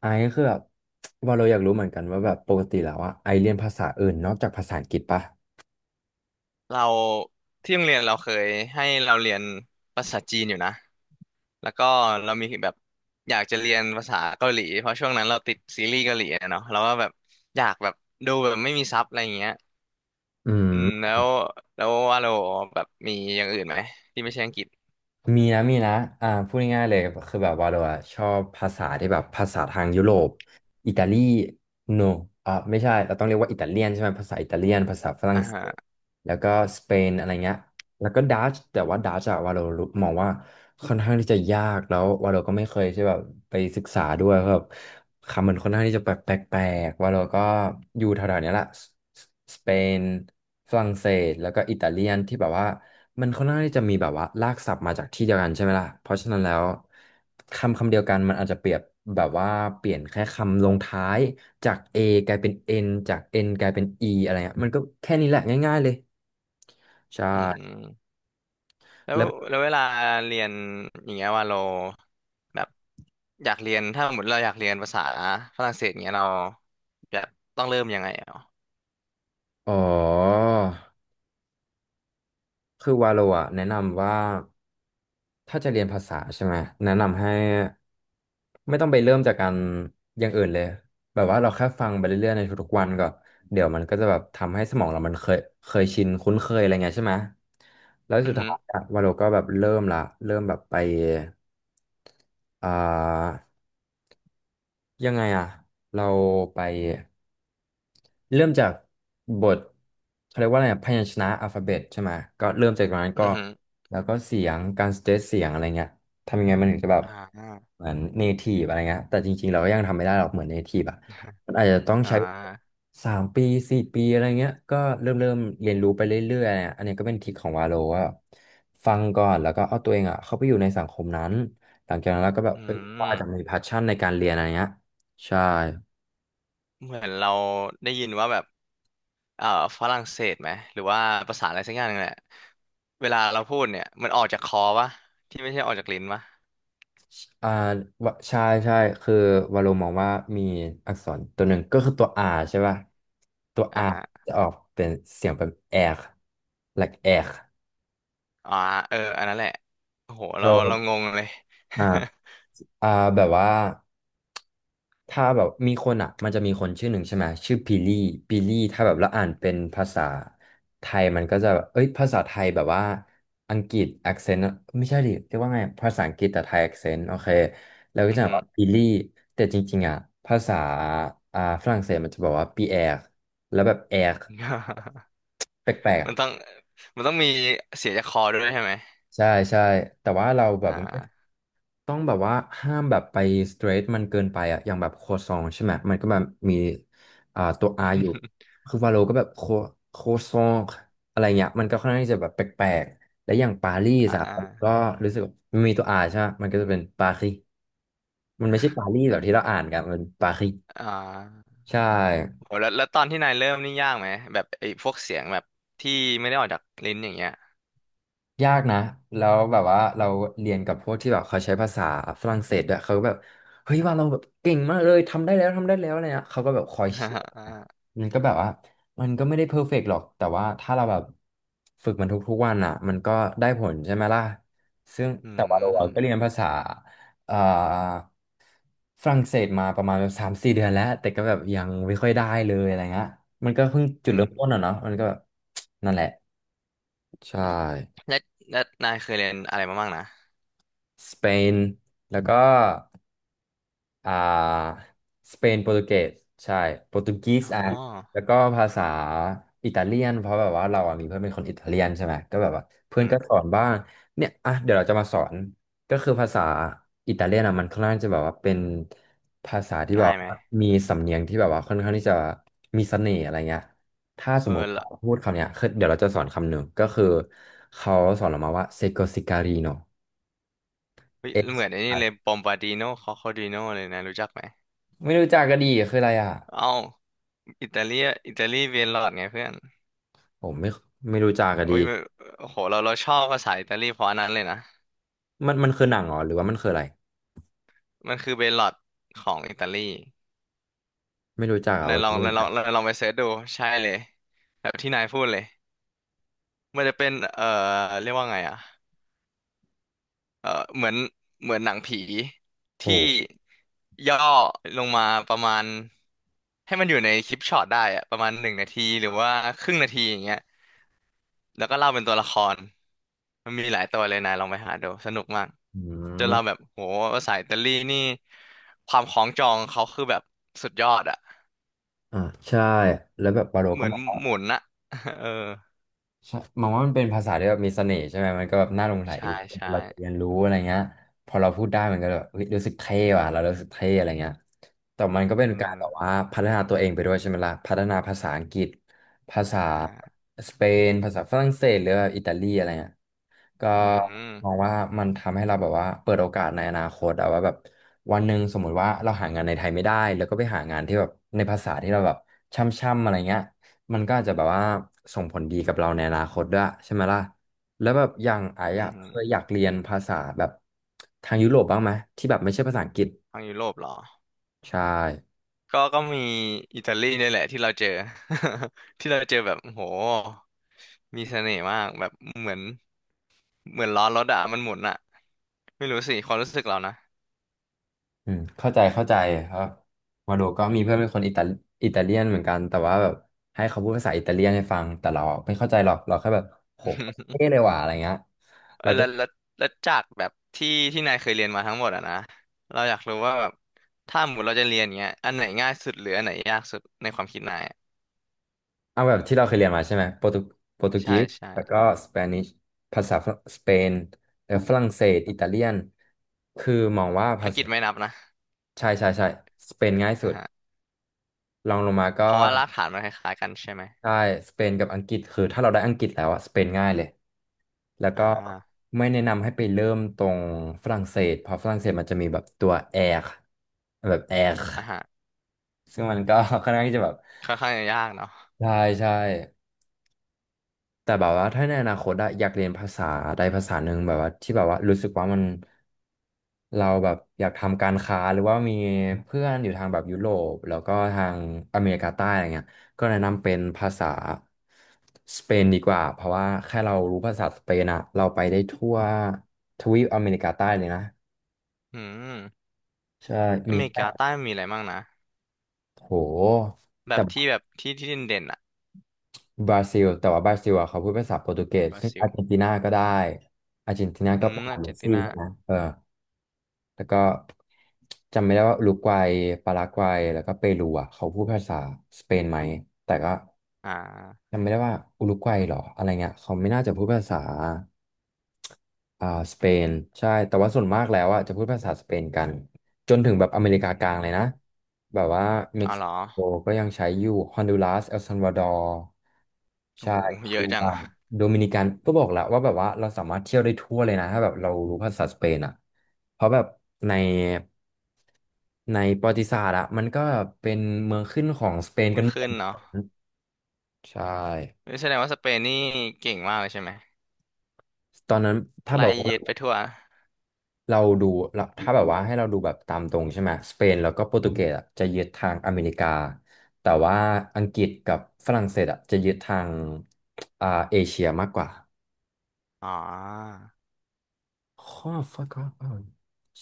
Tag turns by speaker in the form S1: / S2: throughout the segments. S1: ไอซ์คือแบบว่าเราอยากรู้เหมือนกันว่าแบบปกติแล้วอะไอซ์เรียนภาษาอื่นนอกจากภาษาอังกฤษปะ
S2: เราที่โรงเรียนเราเคยให้เราเรียนภาษาจีนอยู่นะแล้วก็เรามีแบบอยากจะเรียนภาษาเกาหลีเพราะช่วงนั้นเราติดซีรีส์เกาหลีอะเนาะเราก็แบบอยากแบบดูแบบไม่มีซับอะไรอย่างเงี้ย
S1: อื
S2: อื
S1: ม
S2: มแล้วว่าเราแบบมีอย่างอื่นไหมที่ไม่ใช่อังกฤษ
S1: มีนะมีนะพูดง่ายๆเลยคือแบบว่าเราอะชอบภาษาที่แบบภาษาทางยุโรปอิตาลีโนไม่ใช่เราต้องเรียกว่าอิตาเลียนใช่ไหมภาษาอิตาเลียนภาษาฝรั่ง
S2: อ่า
S1: เศส
S2: ฮะ
S1: แล้วก็สเปนอะไรเงี้ย แล้วก็ดัชแต่ว่าดัชอะวาโลรูมองว่าค่อนข้างที่จะยากแล้ววาโลก็ไม่เคยใช่แบบไปศึกษาด้วยครับบคำมันค่อนข้างที่จะแปลกแปลกวาโลก็อยู่แถวๆเนี้ยแหละสสเปนฝรั่งเศสแล้วก็อิตาเลียนที่แบบว่ามันค่อนข้างที่จะมีแบบว่ารากศัพท์มาจากที่เดียวกันใช่ไหมล่ะเพราะฉะนั้นแล้วคำคำเดียวกันมันอาจจะเปรียบแบบว่าเปลี่ยนแค่คำลงท้ายจาก A กลายเป็น N จาก N กลายเป็น E อะไรเงี้ยมันก็แค่นี้แหละง่ายๆเลยใช่
S2: อืมแล้ว
S1: แล้ว
S2: แล้วเวลาเรียนอย่างเงี้ยว่าเราแบบอยากเรียนถ้าสมมติเราอยากเรียนภาษาฝรั่งเศสเงี้ยเราแบบต้องเริ่มยังไงอ่ะ
S1: อ๋อคือวาโลอะแนะนำว่าถ้าจะเรียนภาษาใช่ไหมแนะนำให้ไม่ต้องไปเริ่มจากการอย่างอื่นเลยแบบว่าเราแค่ฟังไปเรื่อยๆในทุกๆวันก่อนเดี๋ยวมันก็จะแบบทำให้สมองเรามันเคยชินคุ้นเคยอะไรเงี้ยใช่ไหมแล้ว
S2: อื
S1: สุด
S2: อฮึ
S1: ท้ายอะวาโลก็แบบเริ่มละเริ่มแบบไปอ่ายังไงอะเราไป เริ่มจากบทเขาเรียกว่าอะไรอะพยัญชนะอัลฟาเบตใช่ไหมก็เริ่มจากตรงนั้นก็
S2: อือฮึ
S1: แล้วก็เสียงการสเตทเสียงอะไรเงี้ยทำยังไงมันถึงจะแบบ
S2: อ่า
S1: เหมือนเนทีฟอะไรเงี้ยแต่จริงๆเราก็ยังทำไม่ได้หรอกเหมือนเนทีฟอ่ะมันอาจจะต้อง
S2: อ่
S1: ใช้
S2: า
S1: สามปีสี่ปีอะไรเงี้ยก็เริ่มเรียนรู้ไปเรื่อยๆอะไรเงี้ยอันนี้ก็เป็นทริคของวาโลว่าแบบฟังก่อนแล้วก็เอาตัวเองอ่ะเข้าไปอยู่ในสังคมนั้นหลังจากนั้นเราก็แบบ
S2: อื
S1: เอ้ยว่า
S2: ม
S1: จะมีแพชชั่นในการเรียนอะไรเงี้ยใช่
S2: เหมือนเราได้ยินว่าแบบเอ่อฝรั่งเศสไหม หรือว่าภาษาอะไรสักอย่างนึงแหละเวลาเราพูดเนี่ยมันออกจากคอปะที่ไม่ใช่ออกจากลิ้นปะ
S1: อ่าวะใช่ใช่คือวาโลมองว่ามีอักษรตัวหนึ่งก็คือตัว R ใช่ป่ะตัว
S2: อ่า
S1: R
S2: ฮะ
S1: จะออกเป็นเสียงเป็นแอก like แอก
S2: อ่าเอออันนั้นแหละโอ้โห
S1: อ
S2: เรางงเลย
S1: อ่าอ่าแบบว่า ถ้าแบบมีคนอ่ะมันจะมีคนชื่อหนึ่งใช่ไหมชื่อพิลี่พิลี่ถ้าแบบแล้วอ่านเป็นภาษาไทยมันก็จะแบบเอ้ยภาษาไทยแบบว่าอังกฤษ accent ไม่ใช่ดิเรียกว่าไงภาษาอังกฤษแต่ไทย accent โอเคแล้วก็
S2: อือ
S1: จะ
S2: หื
S1: แบ
S2: อ
S1: บพิลี่แต่จริงๆอ่ะภาษาฝรั่งเศสมันจะบอกว่าปีแอร์แล้วแบบแอร์ แปลกๆอะ
S2: มันต้องมันต้องมีเสียจากคอด้วยใช่ไหม
S1: ใช่ใช่แต่ว่าเราแบบ
S2: อ่า
S1: ไม่ ต้องแบบว่าห้ามแบบไปสเตรทมันเกินไปอะอย่างแบบโคซองใช่ไหมมันก็แบบมีตัว R อยู่ คือวาโลก็แบบโคซองอะไรเงี้ยมันก็ค่อนข้างที่จะแบบแปลกๆและอย่างปารีส
S2: อ่
S1: อะมันก็
S2: า
S1: รู้สึกมันมีตัว R ใช่ไหมมันก็จะเป็นปารีมันไม่ใช่ปารีสแบบที่เราอ่านกันมันปารี
S2: อ่า
S1: ใช่
S2: โหแล้วตอนที่นายเริ่มนี่ยากไหมแบบไอ้พวกเสียงแบบที่ไม่ได้ออกจากลิ้นอย่างเงี้ย
S1: ยากนะแล้วแบบว่าเราเรียนกับพวกที่แบบเขาใช้ภาษาฝรั่งเศสด้วยเขาก็แบบเฮ้ยว่าเราแบบเก่งมากเลยทำได้แล้วทำได้แล้วอะไรเงี้ยเขาก็แบบคอยเชียร์นะ มันก็แบบว่ามันก็ไม่ได้เพอร์เฟกต์หรอกแต่ว่าถ้าเราแบบฝึกมันทุกๆวันอ่ะมันก็ได้ผลใช่ไหมล่ะซึ่ง
S2: อื
S1: แต่ว่าเราก็เรี
S2: ม
S1: ยนภาษาเอ่อฝรั่งเศสมาประมาณแบบสามสี่เดือนแล้วแต่ก็แบบยังไม่ค่อยได้เลยอะไรเงี้ยมันก็เพิ่งจุ
S2: อื
S1: ดเริ่มต้น
S2: ม
S1: อ่ะเนาะมันก็แบบนั่นแหละใช่
S2: แล้วแล้วนายเคยเรียนอะไรมาบ้างนะ
S1: สเปนแล้วก็อ่าสเปนโปรตุเกสใช่โปรตุกีส
S2: อ๋อ
S1: อ่ะแล้วก็ภาษาอิตาเลียนเพราะแบบว่าเราอ่ะมีเพื่อนเป็นคนอิตาเลียนใช่ไหมก็แบบว่าเพื่อ
S2: อื
S1: นก็
S2: ม
S1: สอนบ้างเนี่ยอ่ะเดี๋ยวเราจะมาสอนก็คือภาษาอิตาเลียนอ่ะมันค่อนข้างจะแบบว่าเป็นภาษาที่แบ
S2: ง่า
S1: บ
S2: ยไหม
S1: ว่ามีสำเนียงที่แบบว่าค่อนข้างที่จะมีเสน่ห์อะไรเงี้ยถ้าส
S2: เอ
S1: มม
S2: อ
S1: ติเรา
S2: ละ
S1: พูดคำเนี้ยคือเดี๋ยวเราจะสอนคำหนึ่งก็คือเขาสอนเรามาว่าเซโกซิการีโน
S2: เฮ้ยเหมือนไอ้นี่เลยปอมบาดิโนคอคอดิโนเลยนะรู้จักไหม
S1: ไม่รู้จักกะดีคืออะไรอ่ะ
S2: เอ้าอิตาเลียอิตาลีเบลลอดไงเพื่อน
S1: ผมไม่รู้จักอะ
S2: โอ้
S1: ดี
S2: ยโอ้โหเราชอบภาษาอิตาลีเพราะอันนั้นเลยนะ
S1: มันคือหนังเหรอหรือว่ามันคืออะไร
S2: มันคือเบลลอดของอิตาลี
S1: ไม่รู้จักอ่ะว่าเราไม่รู้จัก
S2: นายลองไปเสิร์ชดูใช่เลยแบบที่นายพูดเลยมันจะเป็นเรียกว่าไงอะ เออเหมือนเหมือนหนังผี
S1: โอ้
S2: ที่ย่อลงมาประมาณให้มันอยู่ในคลิปช็อตได้อะประมาณหนึ่งนาทีหรือว่าครึ่งนาทีอย่างเงี้ยแล้วก็เล่าเป็นตัวละครมันมีหลายตัวเลยนายลองไปหาดูสนุกมาก
S1: อื
S2: จนเราแบ
S1: ม
S2: บโหภาษาอิตาลีนี่ความคล้องจองเขาคือแบบสุดยอดอะ
S1: อ่าใช่แล้วแบบวาโล
S2: เห
S1: ก็
S2: มือน
S1: มา
S2: หมุนอะ เออ
S1: ใช่มองว่ามันเป็นภาษาที่แบบมีเสน่ห์ใช่ไหมมันก็แบบน่าหลงใหล
S2: ใช่ใช่
S1: เราจะเรียนรู้อะไรเงี้ยพอเราพูดได้มันก็แบบเฮ้ยรู้สึกเท่ว่ะเรารู้สึกเท่อะไรเงี้ยแต่มันก็เป็
S2: เอ
S1: น
S2: อ
S1: การแบบว่าพัฒนาตัวเองไปด้วยใช่ไหมล่ะพัฒนาภาษาอังกฤษภาษา
S2: อ่า
S1: สเปนภาษาฝรั่งเศสหรือว่าอิตาลีอะไรเงี้ยก็
S2: อืม
S1: มองว่ามันทำให้เราแบบว่าเปิดโอกาสในอนาคตอะว่าแบบวันหนึ่งสมมุติว่าเราหางานในไทยไม่ได้แล้วก็ไปหางานที่แบบในภาษาที่เราแบบช่ำๆอะไรเงี้ย มันก็อาจจะแบบว่าส่งผลดีกับเราในอนาคตด้วยใช่ไหมล่ะแล้วแบบอย่างไอ้
S2: อื
S1: อะเคย
S2: ม
S1: อยากเรียนภาษาแบบทางยุโรปบ้างไหมที่แบบไม่ใช่ภาษาอังกฤษ
S2: ทางยุโรปเหรอ
S1: ใช่
S2: ก็ก็มีอิตาลีเนี่ยแหละที่เราเจอ ที่เราเจอแบบโอ้โหมีเสน่ห์มากแบบเหมือนเหมือนล้อรถอะมันหมุนอะไม่รู้สิความรู้สึกเรานะ
S1: อืมเข้าใจเข้าใจครับมาโดก็มีเพื่อนเป็นคนอิตาเลียนเหมือนกันแต่ว่าแบบให้เขาพูดภาษาอิตาเลียนให้ฟังแต่เราไม่เข้าใจหรอกเราแค่แบบโหโคตร เท่เลยว่ะอะไรเงี้ย
S2: เออแล้วจากแบบที่นายเคยเรียนมาทั้งหมดอะนะเราอยากรู้ว่าแบบถ้าหมดเราจะเรียนเงี้ยอันไหนง่ายสุดหรืออันไหนยากสุดในความคิดนายอะ
S1: เอาแบบที่เราเคยเรียนมาใช่ไหมโปรตุ
S2: ใช่
S1: กีสแล้วก็
S2: ใช่
S1: สเปนิชภาษาสเปนแล้วฝรั่งเศสอิตาเลียนคือมองว่า
S2: อั
S1: ภา
S2: งกฤ
S1: ษา
S2: ษไม่นับนะ
S1: ใช่ใช่ใช่สเปนง่ายสุ
S2: อ่า
S1: ด
S2: ฮะ
S1: รองลงมาก็
S2: เพราะว่ารากฐานมันคล้ายๆกันใช่ไหม
S1: ใช่สเปนกับอังกฤษคือถ้าเราได้อังกฤษแล้วอะสเปนง่ายเลยแล้ว
S2: อ่
S1: ก็
S2: า
S1: ไม่แนะนำให้ไปเริ่มตรงฝรั่งเศสเพราะฝรั่งเศสมันจะมีแบบตัวแอร์แบบแอร์
S2: อ่าฮะ
S1: ซึ่งมันก็ ค่อนข้างที่จะแบบ
S2: ค่อนข้างจะยากเนาะ
S1: ใช่ใช่ แต่แบบว่าถ้าในอนาคตอะอยากเรียนภาษาใดภาษาหนึ่งแบบว่าที่แบบว่ารู้สึกว่ามันเราแบบอยากทำการค้าหรือว่ามีเพื่อนอยู่ทางแบบยุโรปแล้วก็ทางอเมริกาใต้อะไรเงี้ยก็แนะนำเป็นภาษาสเปนดีกว่าเพราะว่าแค่เรารู้ภาษาสเปนอะเราไปได้ทั่วทวีปอเมริกาใต้เลยนะ
S2: อืม
S1: ใช่
S2: อ
S1: มี
S2: เมริ
S1: แค่
S2: กาใต้มีอะไรบ้างนะ
S1: โห
S2: แบบที่
S1: แต่
S2: แบบที่ที่เด่นๆอ่ะ
S1: บราซิลแต่ว่าบราซิลอะเขาพูดภาษาโปรตุเกส
S2: บรา
S1: ซึ่ง
S2: ซิ
S1: อา
S2: ล
S1: ร์เจนตินาก็ได้อาร์เจนตินา
S2: อื
S1: ก็เป็
S2: ม
S1: นขอ
S2: อา
S1: ง
S2: ร์
S1: เม
S2: เจ
S1: ส
S2: นติ
S1: ซี่
S2: นา
S1: ใช่ไหมเออ แล้วก็จำไม่ได้ว่าอุรุกวัยปารากวัยแล้วก็เปรูอ่ะเขาพูดภาษาสเปนไหมแต่ก็
S2: อ่า
S1: จำไม่ได้ว่าอุรุกวัยเหรออะไรเงี้ยเขาไม่น่าจะพูดภาษาอ่าสเปนใช่แต่ว่าส่วนมากแล้วอ่ะจะพูดภาษาสเปนกันจนถึงแบบอเมริกา
S2: อ
S1: กลางเลย
S2: ม
S1: นะแบบว่าเม็
S2: อ๋
S1: ก
S2: อ
S1: ซิ
S2: เหรอ
S1: โกก็ยังใช้อยู่ฮอนดูรัสเอลซัลวาดอร์
S2: โอ้
S1: ใช่
S2: โหเย
S1: คิ
S2: อะ
S1: ว
S2: จัง
S1: บา
S2: อะ
S1: โดมินิกันก็บอกแล้วว่าแบบว่าเราสามารถเที่ยวได้ทั่วเลยนะถ้าแบบเรารู้ภาษาสเปนอ่ะเพราะแบบในในประวัติศาสตร์อะมันก็เป็นเมืองขึ้นของสเปนกั
S2: มื
S1: น
S2: อ
S1: หม
S2: ขึ้
S1: ด
S2: นเนาะ
S1: ใช่
S2: นี่แสดงว่าสเปนนี่เก่งมากเลยใช่ไหม
S1: ตอนนั้นถ้าแบ
S2: ไล่
S1: บว่า
S2: เย็ดไปทั่ว
S1: เราดูเราถ้าแบบว่าให้เราดูแบบตามตรงใช่ไหมสเปนแล้วก็โปรตุเกสอะจะยึดทางอเมริกาแต่ว่าอังกฤษกับฝรั่งเศสอะจะยึดทางเอเชียมากกว่า
S2: อ๋อ
S1: ข้อ fuck off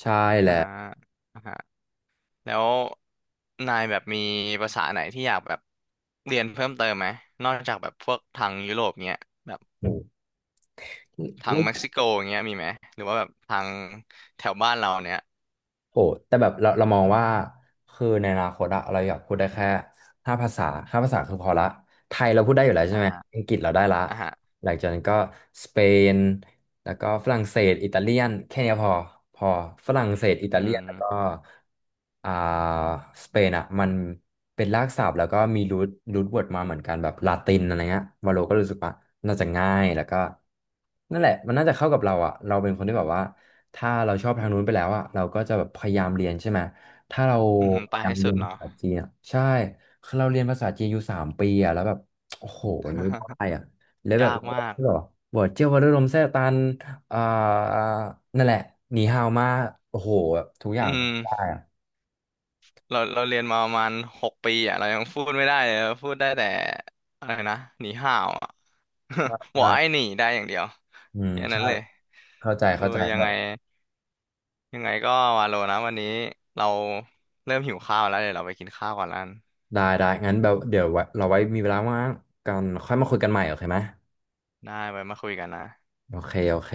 S1: ใช่แห
S2: อ่า
S1: ละ
S2: อ่าฮะแล้วนายแบบมีภาษาไหนที่อยากแบบเรียนเพิ่มเติมไหมนอกจากแบบพวกทางยุโรปเงี้ยแบบ
S1: อื
S2: ทางเม็ก
S1: ม
S2: ซิโกเงี้ยมีไหมหรือว่าแบบทางแถวบ้านเราเนี้ย
S1: โหแต่แบบเรามองว่าคือในอนาคตอะเราอยากพูดได้แค่ห้าภาษาห้าภาษาคือพอละไทยเราพูดได้อยู่แล้วใช่
S2: อ่า
S1: ไหม
S2: ฮะ
S1: อังกฤษเราได้ละ
S2: อ่าฮะ
S1: หลังจากนั้นก็สเปนแล้วก็ฝรั่งเศสอิตาเลียนแค่เนี้ยพอพอฝรั่งเศสอิตา
S2: อื
S1: เลียนแล้วก็
S2: ม
S1: อ่าสเปนอะมันเป็นรากศัพท์แล้วก็มีรูทเวิร์ดมาเหมือนกันแบบลาตินอะไรเงี้ยวาโลก็รู้สึกว่าน่าจะง่ายแล้วก็นั่นแหละมันน่าจะเข้ากับเราอะเราเป็นคนที่แบบว่า ถ้าเราชอบทางนู้นไปแล้วอ่ะเราก็จะแบบพยายามเรียนใช่ไหมถ้าเรา
S2: อืม
S1: พ
S2: ไป
S1: ยายา
S2: ให้
S1: ม
S2: สุ
S1: เรีย
S2: ด
S1: นภา
S2: เนาะ
S1: ษาจีนอ่ะใช่คือเราเรียนภาษาจีนอยู่3 ปีอ่ะแล้วแบบโอ้โหมันไม่ได้ อ่ะแล้วแบบ
S2: ยากมาก
S1: หรอบอกเจ้าวรุลมแซ่ตันอ่านั่นแหละหนีฮาวมาโอ้โหแบบทุกอ
S2: อื
S1: ย่าง
S2: ม
S1: ได้อ่ะ
S2: เราเรียนมาประมาณหกปีอ่ะเรายังพูดไม่ได้เลยเราพูดได้แต่อะไรนะหนีห่าวอ่ะ
S1: ใช่
S2: บอ
S1: ใช่
S2: กไอ้หนีได้อย่างเดียว
S1: อืม
S2: แค่นั้
S1: ใช่
S2: นเลย
S1: เข้าใจ
S2: เออ
S1: เข้าใจ
S2: ยั
S1: แบ
S2: งไง
S1: บ
S2: ยังไงก็วาโลนะวันนี้เราเริ่มหิวข้าวแล้วเดี๋ยวเราไปกินข้าวก่อนแล้วกัน
S1: ได้ได้งั้นแบบเดี๋ยวไว้มีเวลาว่างกันค่อยมาคุยกันใหม่โอเคไหม
S2: ได้ไว้มาคุยกันนะ
S1: โอเคโอเค